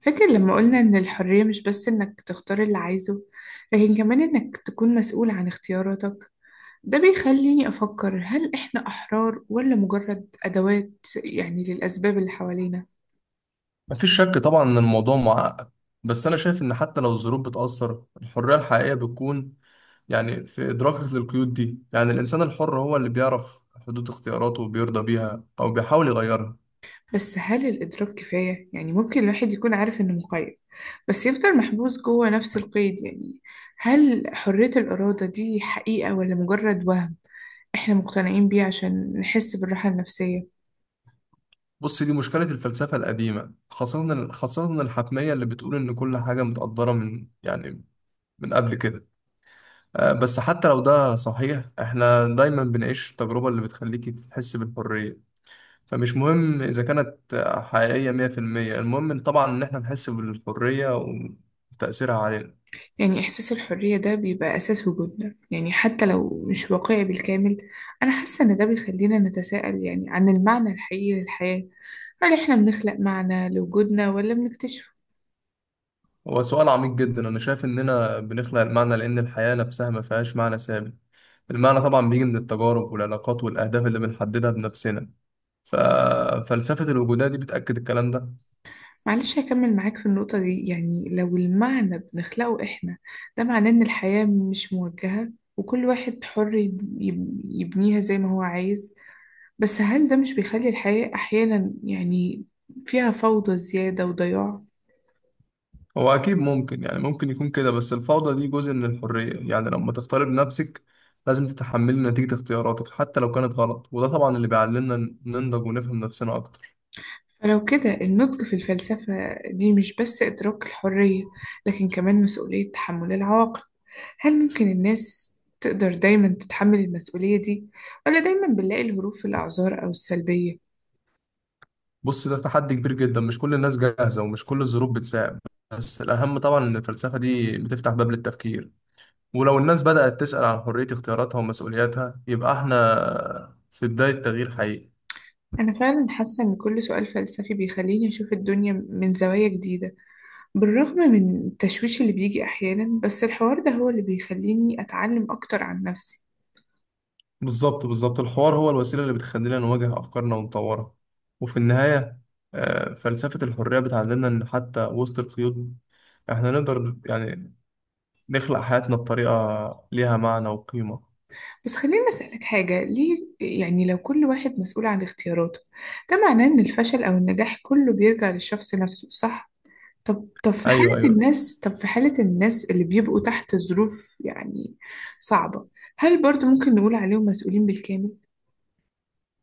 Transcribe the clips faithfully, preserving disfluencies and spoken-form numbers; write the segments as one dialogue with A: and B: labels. A: فاكر لما قلنا إن الحرية مش بس إنك تختار اللي عايزه، لكن كمان إنك تكون مسؤول عن اختياراتك. ده بيخليني أفكر، هل إحنا أحرار ولا مجرد أدوات؟ يعني للأسباب اللي حوالينا.
B: مفيش شك طبعا ان الموضوع معقد. بس انا شايف ان حتى لو الظروف بتأثر الحرية الحقيقية بتكون يعني في ادراكك للقيود دي. يعني الانسان الحر هو اللي بيعرف حدود اختياراته وبيرضى بيها او بيحاول يغيرها.
A: بس هل الإدراك كفاية؟ يعني ممكن الواحد يكون عارف إنه مقيد، بس يفضل محبوس جوه نفس القيد. يعني هل حرية الإرادة دي حقيقة ولا مجرد وهم إحنا مقتنعين بيه عشان نحس بالراحة النفسية؟
B: بص، دي مشكلة الفلسفة القديمة، خاصة خاصة الحتمية اللي بتقول ان كل حاجة متقدرة من يعني من قبل كده. آه، بس حتى لو ده صحيح، احنا دايما بنعيش التجربة اللي بتخليك تحس بالحرية. فمش مهم إذا كانت حقيقية مية في المية، المهم إن طبعا إن إحنا نحس بالحرية وتأثيرها علينا.
A: يعني إحساس الحرية ده بيبقى أساس وجودنا، يعني حتى لو مش واقعي بالكامل. أنا حاسة إن ده بيخلينا نتساءل يعني عن المعنى الحقيقي للحياة. هل إحنا بنخلق معنى لوجودنا ولا بنكتشفه؟
B: هو سؤال عميق جدا. أنا شايف إننا بنخلق المعنى لأن الحياة نفسها ما فيهاش معنى ثابت. المعنى طبعا بيجي من التجارب والعلاقات والأهداف اللي بنحددها بنفسنا. ففلسفة الوجودية دي بتأكد الكلام ده.
A: معلش هكمل معاك في النقطة دي. يعني لو المعنى بنخلقه إحنا، ده معناه إن الحياة مش موجهة، وكل واحد حر يب- يب- يبنيها زي ما هو عايز. بس هل ده مش بيخلي الحياة أحيانا يعني فيها فوضى زيادة وضياع؟
B: هو أكيد ممكن، يعني ممكن يكون كده، بس الفوضى دي جزء من الحرية. يعني لما تختار بنفسك لازم تتحملي نتيجة اختياراتك حتى لو كانت غلط، وده طبعا اللي بيعلمنا ننضج ونفهم نفسنا أكتر.
A: فلو كده النضج في الفلسفة دي مش بس إدراك الحرية، لكن كمان مسؤولية تحمل العواقب. هل ممكن الناس تقدر دايما تتحمل المسؤولية دي، ولا دايما بنلاقي الهروب في الأعذار أو السلبية؟
B: بص، ده تحدي كبير جدا. مش كل الناس جاهزة ومش كل الظروف بتساعد. بس الأهم طبعا إن الفلسفة دي بتفتح باب للتفكير، ولو الناس بدأت تسأل عن حرية اختياراتها ومسؤولياتها يبقى احنا في بداية تغيير حقيقي.
A: أنا فعلا حاسة إن كل سؤال فلسفي بيخليني أشوف الدنيا من زوايا جديدة، بالرغم من التشويش اللي بيجي أحيانا، بس الحوار ده هو اللي بيخليني أتعلم أكتر عن نفسي.
B: بالظبط بالظبط، الحوار هو الوسيلة اللي بتخلينا نواجه أفكارنا ونطورها. وفي النهاية، آه، فلسفة الحرية بتعلمنا إن حتى وسط القيود احنا نقدر يعني نخلق حياتنا بطريقة ليها معنى وقيمة.
A: بس خليني أسألك حاجة، ليه يعني لو كل واحد مسؤول عن اختياراته، ده معناه إن الفشل أو النجاح كله بيرجع للشخص نفسه صح؟ طب طب في حالة
B: أيوه أيوه.
A: الناس طب في حالة الناس اللي بيبقوا تحت ظروف يعني صعبة، هل برضو ممكن نقول عليهم مسؤولين بالكامل؟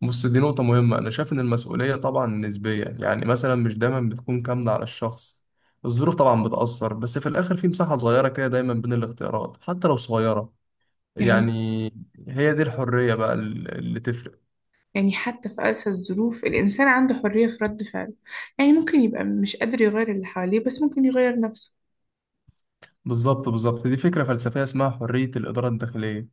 B: بص، دي نقطة مهمة. أنا شايف إن المسؤولية طبعا نسبية. يعني مثلا مش دايما بتكون كاملة على الشخص. الظروف طبعا بتأثر، بس في الآخر في مساحة صغيرة كده دايما بين الاختيارات حتى لو صغيرة.
A: يعني
B: يعني هي دي الحرية بقى ال- اللي تفرق.
A: يعني حتى في أقسى الظروف الإنسان عنده حرية في رد فعله، يعني ممكن يبقى مش قادر يغير اللي حواليه بس ممكن يغير نفسه.
B: بالظبط بالظبط، دي فكرة فلسفية اسمها حرية الإدارة الداخلية.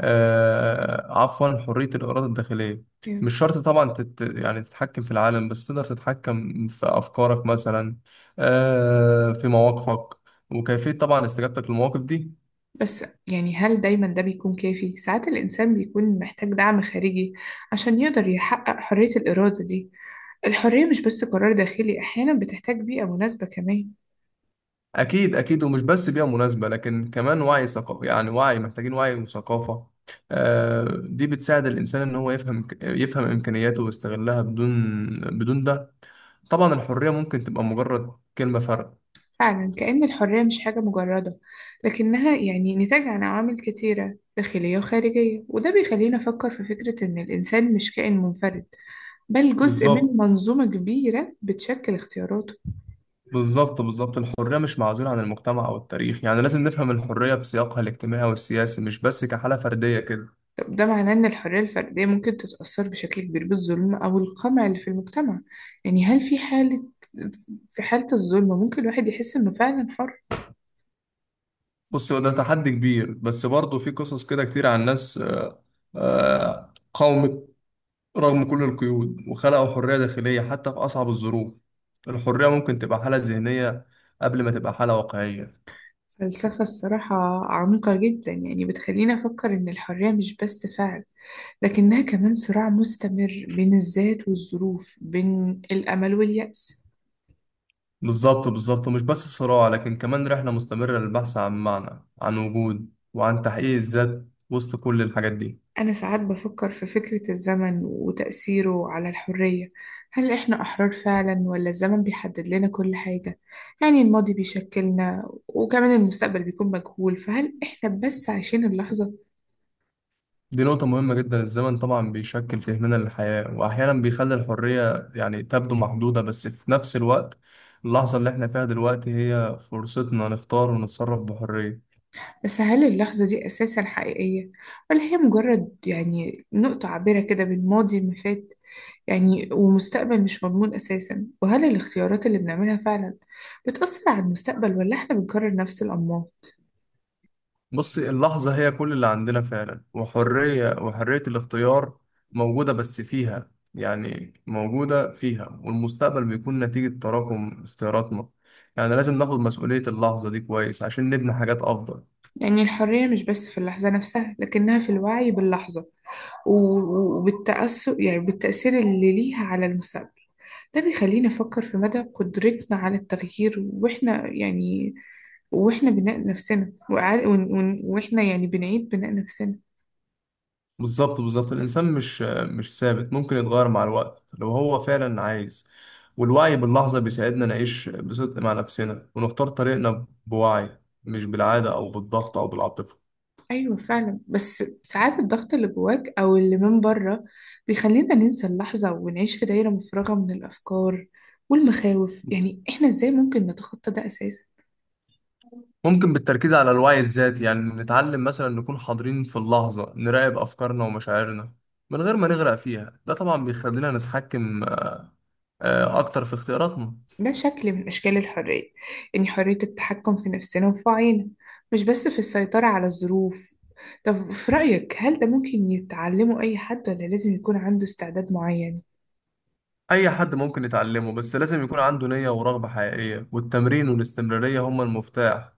B: آه، عفوا، حرية الإرادة الداخلية.
A: يعني.
B: مش شرط طبعا تت يعني تتحكم في العالم، بس تقدر تتحكم في أفكارك مثلا، آه، في مواقفك وكيفية طبعا استجابتك للمواقف دي.
A: بس يعني هل دايما ده بيكون كافي؟ ساعات الإنسان بيكون محتاج دعم خارجي عشان يقدر يحقق حرية الإرادة دي. الحرية مش بس قرار داخلي، أحيانا بتحتاج بيئة مناسبة كمان.
B: أكيد أكيد، ومش بس بيئة مناسبة لكن كمان وعي ثقافي. يعني وعي، محتاجين وعي وثقافة. آه، دي بتساعد الإنسان إن هو يفهم يفهم إمكانياته ويستغلها بدون بدون ده طبعا الحرية ممكن تبقى مجرد كلمة فرق.
A: فعلا كأن الحرية مش حاجة مجردة، لكنها يعني نتاج عن عوامل كتيرة داخلية وخارجية، وده بيخلينا نفكر في فكرة إن الإنسان مش كائن منفرد، بل جزء من
B: بالظبط
A: منظومة كبيرة بتشكل اختياراته.
B: بالظبط بالظبط، الحرية مش معزولة عن المجتمع أو التاريخ. يعني لازم نفهم الحرية في سياقها الاجتماعي والسياسي، مش بس كحالة فردية كده.
A: ده معناه إن الحرية الفردية ممكن تتأثر بشكل كبير بالظلم أو القمع اللي في المجتمع. يعني هل في حالة في حالة الظلم ممكن الواحد يحس إنه فعلا حر؟
B: بص، هو ده تحدي كبير، بس برضه في قصص كده كتير عن ناس آه، آه، قاومت رغم كل القيود وخلقوا حرية داخلية حتى في أصعب الظروف. الحرية ممكن تبقى حالة ذهنية قبل ما تبقى حالة واقعية.
A: فلسفة الصراحة عميقة جدا، يعني بتخليني أفكر إن الحرية مش بس فعل، لكنها كمان صراع مستمر بين الذات والظروف، بين الأمل واليأس.
B: بالظبط بالظبط، ومش بس صراع لكن كمان رحلة مستمرة للبحث عن معنى، عن وجود، وعن تحقيق الذات وسط كل الحاجات دي.
A: أنا ساعات بفكر في فكرة الزمن وتأثيره على الحرية. هل إحنا أحرار فعلا ولا الزمن بيحدد لنا كل حاجة؟ يعني الماضي بيشكلنا، وكمان المستقبل بيكون مجهول، فهل إحنا بس عايشين اللحظة؟
B: دي نقطة مهمة جدا. الزمن طبعا بيشكل فهمنا للحياة وأحيانا بيخلي الحرية يعني تبدو محدودة، بس في نفس الوقت اللحظة اللي احنا فيها دلوقتي هي فرصتنا نختار ونتصرف بحرية.
A: بس هل اللحظة دي أساسا حقيقية؟ ولا هي مجرد يعني نقطة عابرة كده بين ماضي ما فات يعني ومستقبل مش مضمون أساسا؟ وهل الاختيارات اللي بنعملها فعلا بتأثر على المستقبل ولا إحنا بنكرر نفس الأنماط؟
B: بص، اللحظة هي كل اللي عندنا فعلا، وحرية وحرية الاختيار موجودة. بس فيها يعني موجودة فيها، والمستقبل بيكون نتيجة تراكم اختياراتنا. يعني لازم ناخد مسؤولية اللحظة دي كويس عشان نبني حاجات أفضل.
A: يعني الحرية مش بس في اللحظة نفسها، لكنها في الوعي باللحظة و- وبالتأثر، يعني بالتأثير اللي ليها على المستقبل. ده بيخلينا نفكر في مدى قدرتنا على التغيير، وإحنا يعني وإحنا بناء نفسنا وإعا- ون- ون- وإحنا يعني بنعيد بناء نفسنا.
B: بالظبط بالظبط، الإنسان مش مش ثابت، ممكن يتغير مع الوقت لو هو فعلا عايز. والوعي باللحظة بيساعدنا نعيش بصدق مع نفسنا ونختار طريقنا بوعي، مش بالعادة أو بالضغط أو بالعاطفة.
A: أيوة فعلا، بس ساعات الضغط اللي جواك أو اللي من بره بيخلينا ننسى اللحظة ونعيش في دايرة مفرغة من الأفكار والمخاوف. يعني إحنا إزاي ممكن نتخطى ده أساسا؟
B: ممكن بالتركيز على الوعي الذاتي. يعني نتعلم مثلا نكون حاضرين في اللحظة، نراقب أفكارنا ومشاعرنا من غير ما نغرق فيها. ده طبعا بيخلينا نتحكم آه، أكتر في اختياراتنا.
A: ده شكل من أشكال الحرية، يعني حرية التحكم في نفسنا وفي وعينا، مش بس في السيطرة على الظروف. طب في رأيك هل ده ممكن يتعلمه أي حد، ولا لازم يكون عنده استعداد معين؟
B: أي حد ممكن يتعلمه، بس لازم يكون عنده نية ورغبة حقيقية. والتمرين والاستمرارية هما المفتاح.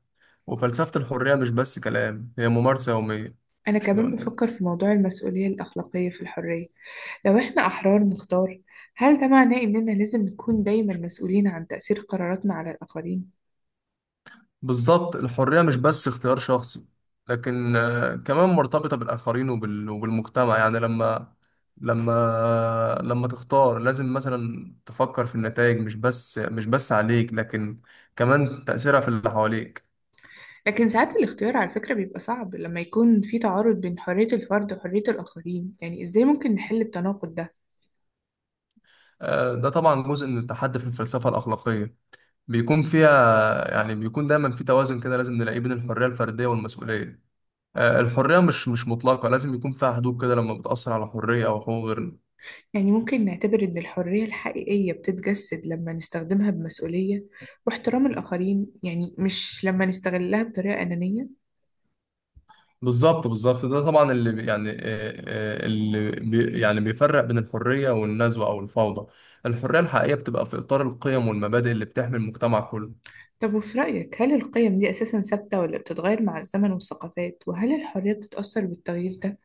B: وفلسفة الحرية مش بس كلام، هي ممارسة يومية.
A: أنا كمان بفكر في موضوع المسؤولية الأخلاقية في الحرية. لو إحنا أحرار نختار، هل ده معناه إننا لازم نكون دايما مسؤولين عن تأثير قراراتنا على الآخرين؟
B: بالظبط، الحرية مش بس اختيار شخصي، لكن آه، كمان مرتبطة بالآخرين وبال- وبالمجتمع. يعني لما لما لما تختار لازم مثلا تفكر في النتائج، مش بس مش بس عليك لكن كمان تأثيرها في اللي حواليك.
A: لكن ساعات الاختيار على فكرة بيبقى صعب لما يكون في تعارض بين حرية الفرد وحرية الآخرين، يعني إزاي ممكن نحل التناقض ده؟
B: آه، ده طبعا جزء من التحدي في الفلسفة الأخلاقية. بيكون فيها، يعني بيكون دايما في توازن كده لازم نلاقيه بين الحرية الفردية والمسؤولية. آه، الحرية مش مش مطلقة، لازم يكون فيها حدود كده لما بتأثر على حرية أو حقوق غيرنا.
A: يعني ممكن نعتبر إن الحرية الحقيقية بتتجسد لما نستخدمها بمسؤولية واحترام الآخرين، يعني مش لما نستغلها بطريقة أنانية.
B: بالظبط بالظبط، ده طبعا اللي بي- يعني آه، آه، اللي بي يعني بيفرق بين الحرية والنزوة أو الفوضى. الحرية الحقيقية بتبقى في إطار القيم والمبادئ اللي بتحمي المجتمع كله.
A: طب وفي رأيك هل القيم دي أساسا ثابتة ولا بتتغير مع الزمن والثقافات، وهل الحرية بتتأثر بالتغيير ده؟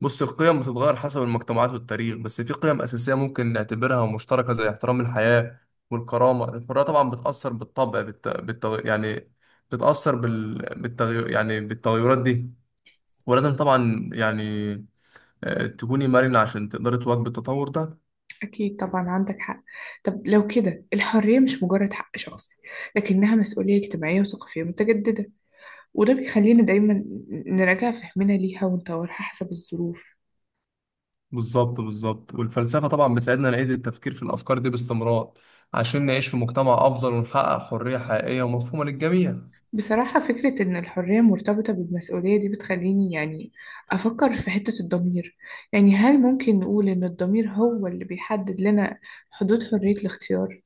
B: بص، القيم بتتغير حسب المجتمعات والتاريخ، بس في قيم أساسية ممكن نعتبرها مشتركة زي احترام الحياة والكرامة. الحرية طبعا بتأثر بالطبع بالت... بالتغ... يعني بتأثر بال... بالتغي... يعني بالتغيرات دي. ولازم طبعا يعني آه، تكوني مرنة عشان تقدري تواكبي التطور ده.
A: أكيد طبعا عندك حق. طب لو كده الحرية مش مجرد حق شخصي، لكنها مسؤولية اجتماعية وثقافية متجددة، وده بيخلينا دايما نراجع فهمنا ليها ونطورها حسب الظروف.
B: بالظبط بالظبط، والفلسفة طبعا بتساعدنا نعيد التفكير في الأفكار دي باستمرار عشان نعيش في مجتمع أفضل ونحقق حرية حقيقية ومفهومة للجميع.
A: بصراحة فكرة إن الحرية مرتبطة بالمسؤولية دي بتخليني يعني أفكر في حتة الضمير. يعني هل ممكن نقول إن الضمير هو اللي بيحدد لنا حدود حرية الاختيار؟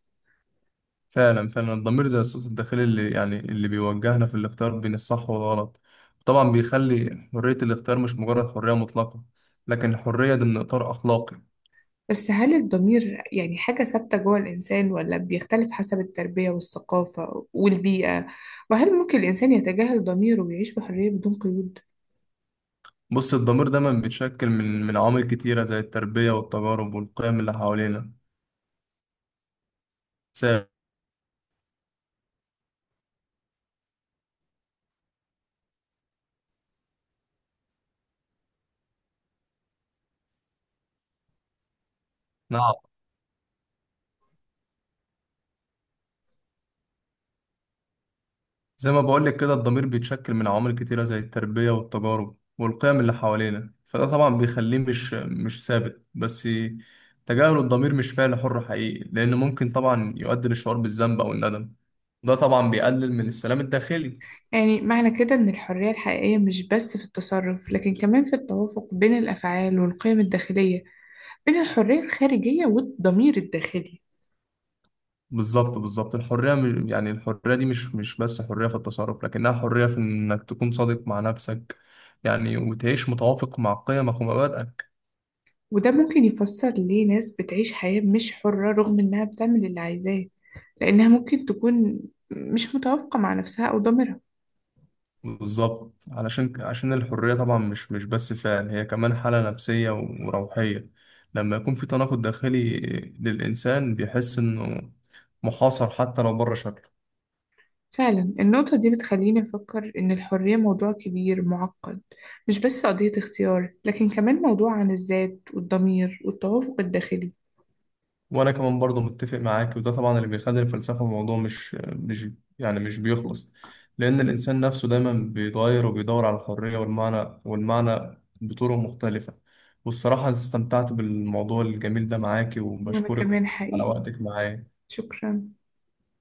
B: فعلا فعلا، الضمير زي الصوت الداخلي اللي يعني اللي بيوجهنا في الاختيار بين الصح والغلط. طبعا بيخلي حرية الاختيار مش مجرد حرية مطلقة، لكن حرية ضمن إطار أخلاقي.
A: بس هل الضمير يعني حاجة ثابتة جوه الإنسان، ولا بيختلف حسب التربية والثقافة والبيئة؟ وهل ممكن الإنسان يتجاهل ضميره ويعيش بحرية بدون قيود؟
B: بص، الضمير دايما بيتشكل من من عوامل كتيرة زي التربية والتجارب والقيم اللي حوالينا. سامع؟ زي ما بقولك كده، الضمير بيتشكل من عوامل كتيرة زي التربية والتجارب والقيم اللي حوالينا، فده طبعا بيخليه مش مش ثابت. بس تجاهل الضمير مش فعل حر حقيقي، لأن ممكن طبعا يؤدي للشعور بالذنب أو الندم. ده طبعا بيقلل من السلام الداخلي.
A: يعني معنى كده إن الحرية الحقيقية مش بس في التصرف، لكن كمان في التوافق بين الأفعال والقيم الداخلية، بين الحرية الخارجية والضمير الداخلي.
B: بالظبط بالظبط، الحرية م- يعني الحرية دي مش مش بس حرية في التصرف، لكنها حرية في إنك تكون صادق مع نفسك. يعني وتعيش متوافق مع قيمك ومبادئك.
A: وده ممكن يفسر ليه ناس بتعيش حياة مش حرة رغم إنها بتعمل اللي عايزاه، لأنها ممكن تكون مش متوافقة مع نفسها أو ضميرها.
B: بالظبط، علشان عشان الحرية طبعا مش مش بس فعل، هي كمان حالة نفسية وروحية. لما يكون في تناقض داخلي للإنسان بيحس إنه محاصر حتى لو بره شكله.
A: فعلا النقطة دي بتخليني أفكر إن الحرية موضوع كبير معقد، مش بس قضية اختيار، لكن كمان موضوع عن الذات والضمير والتوافق الداخلي.
B: وأنا كمان برضه متفق معاك. وده طبعا اللي بيخلي الفلسفة موضوع مش مش يعني مش بيخلص. لأن الإنسان نفسه دايما بيتغير وبيدور على الحرية والمعنى والمعنى بطرق مختلفة. والصراحة استمتعت بالموضوع الجميل ده معاكي،
A: وأنا
B: وبشكرك
A: كمان
B: على
A: حقيقي،
B: وقتك معايا.
A: شكرا.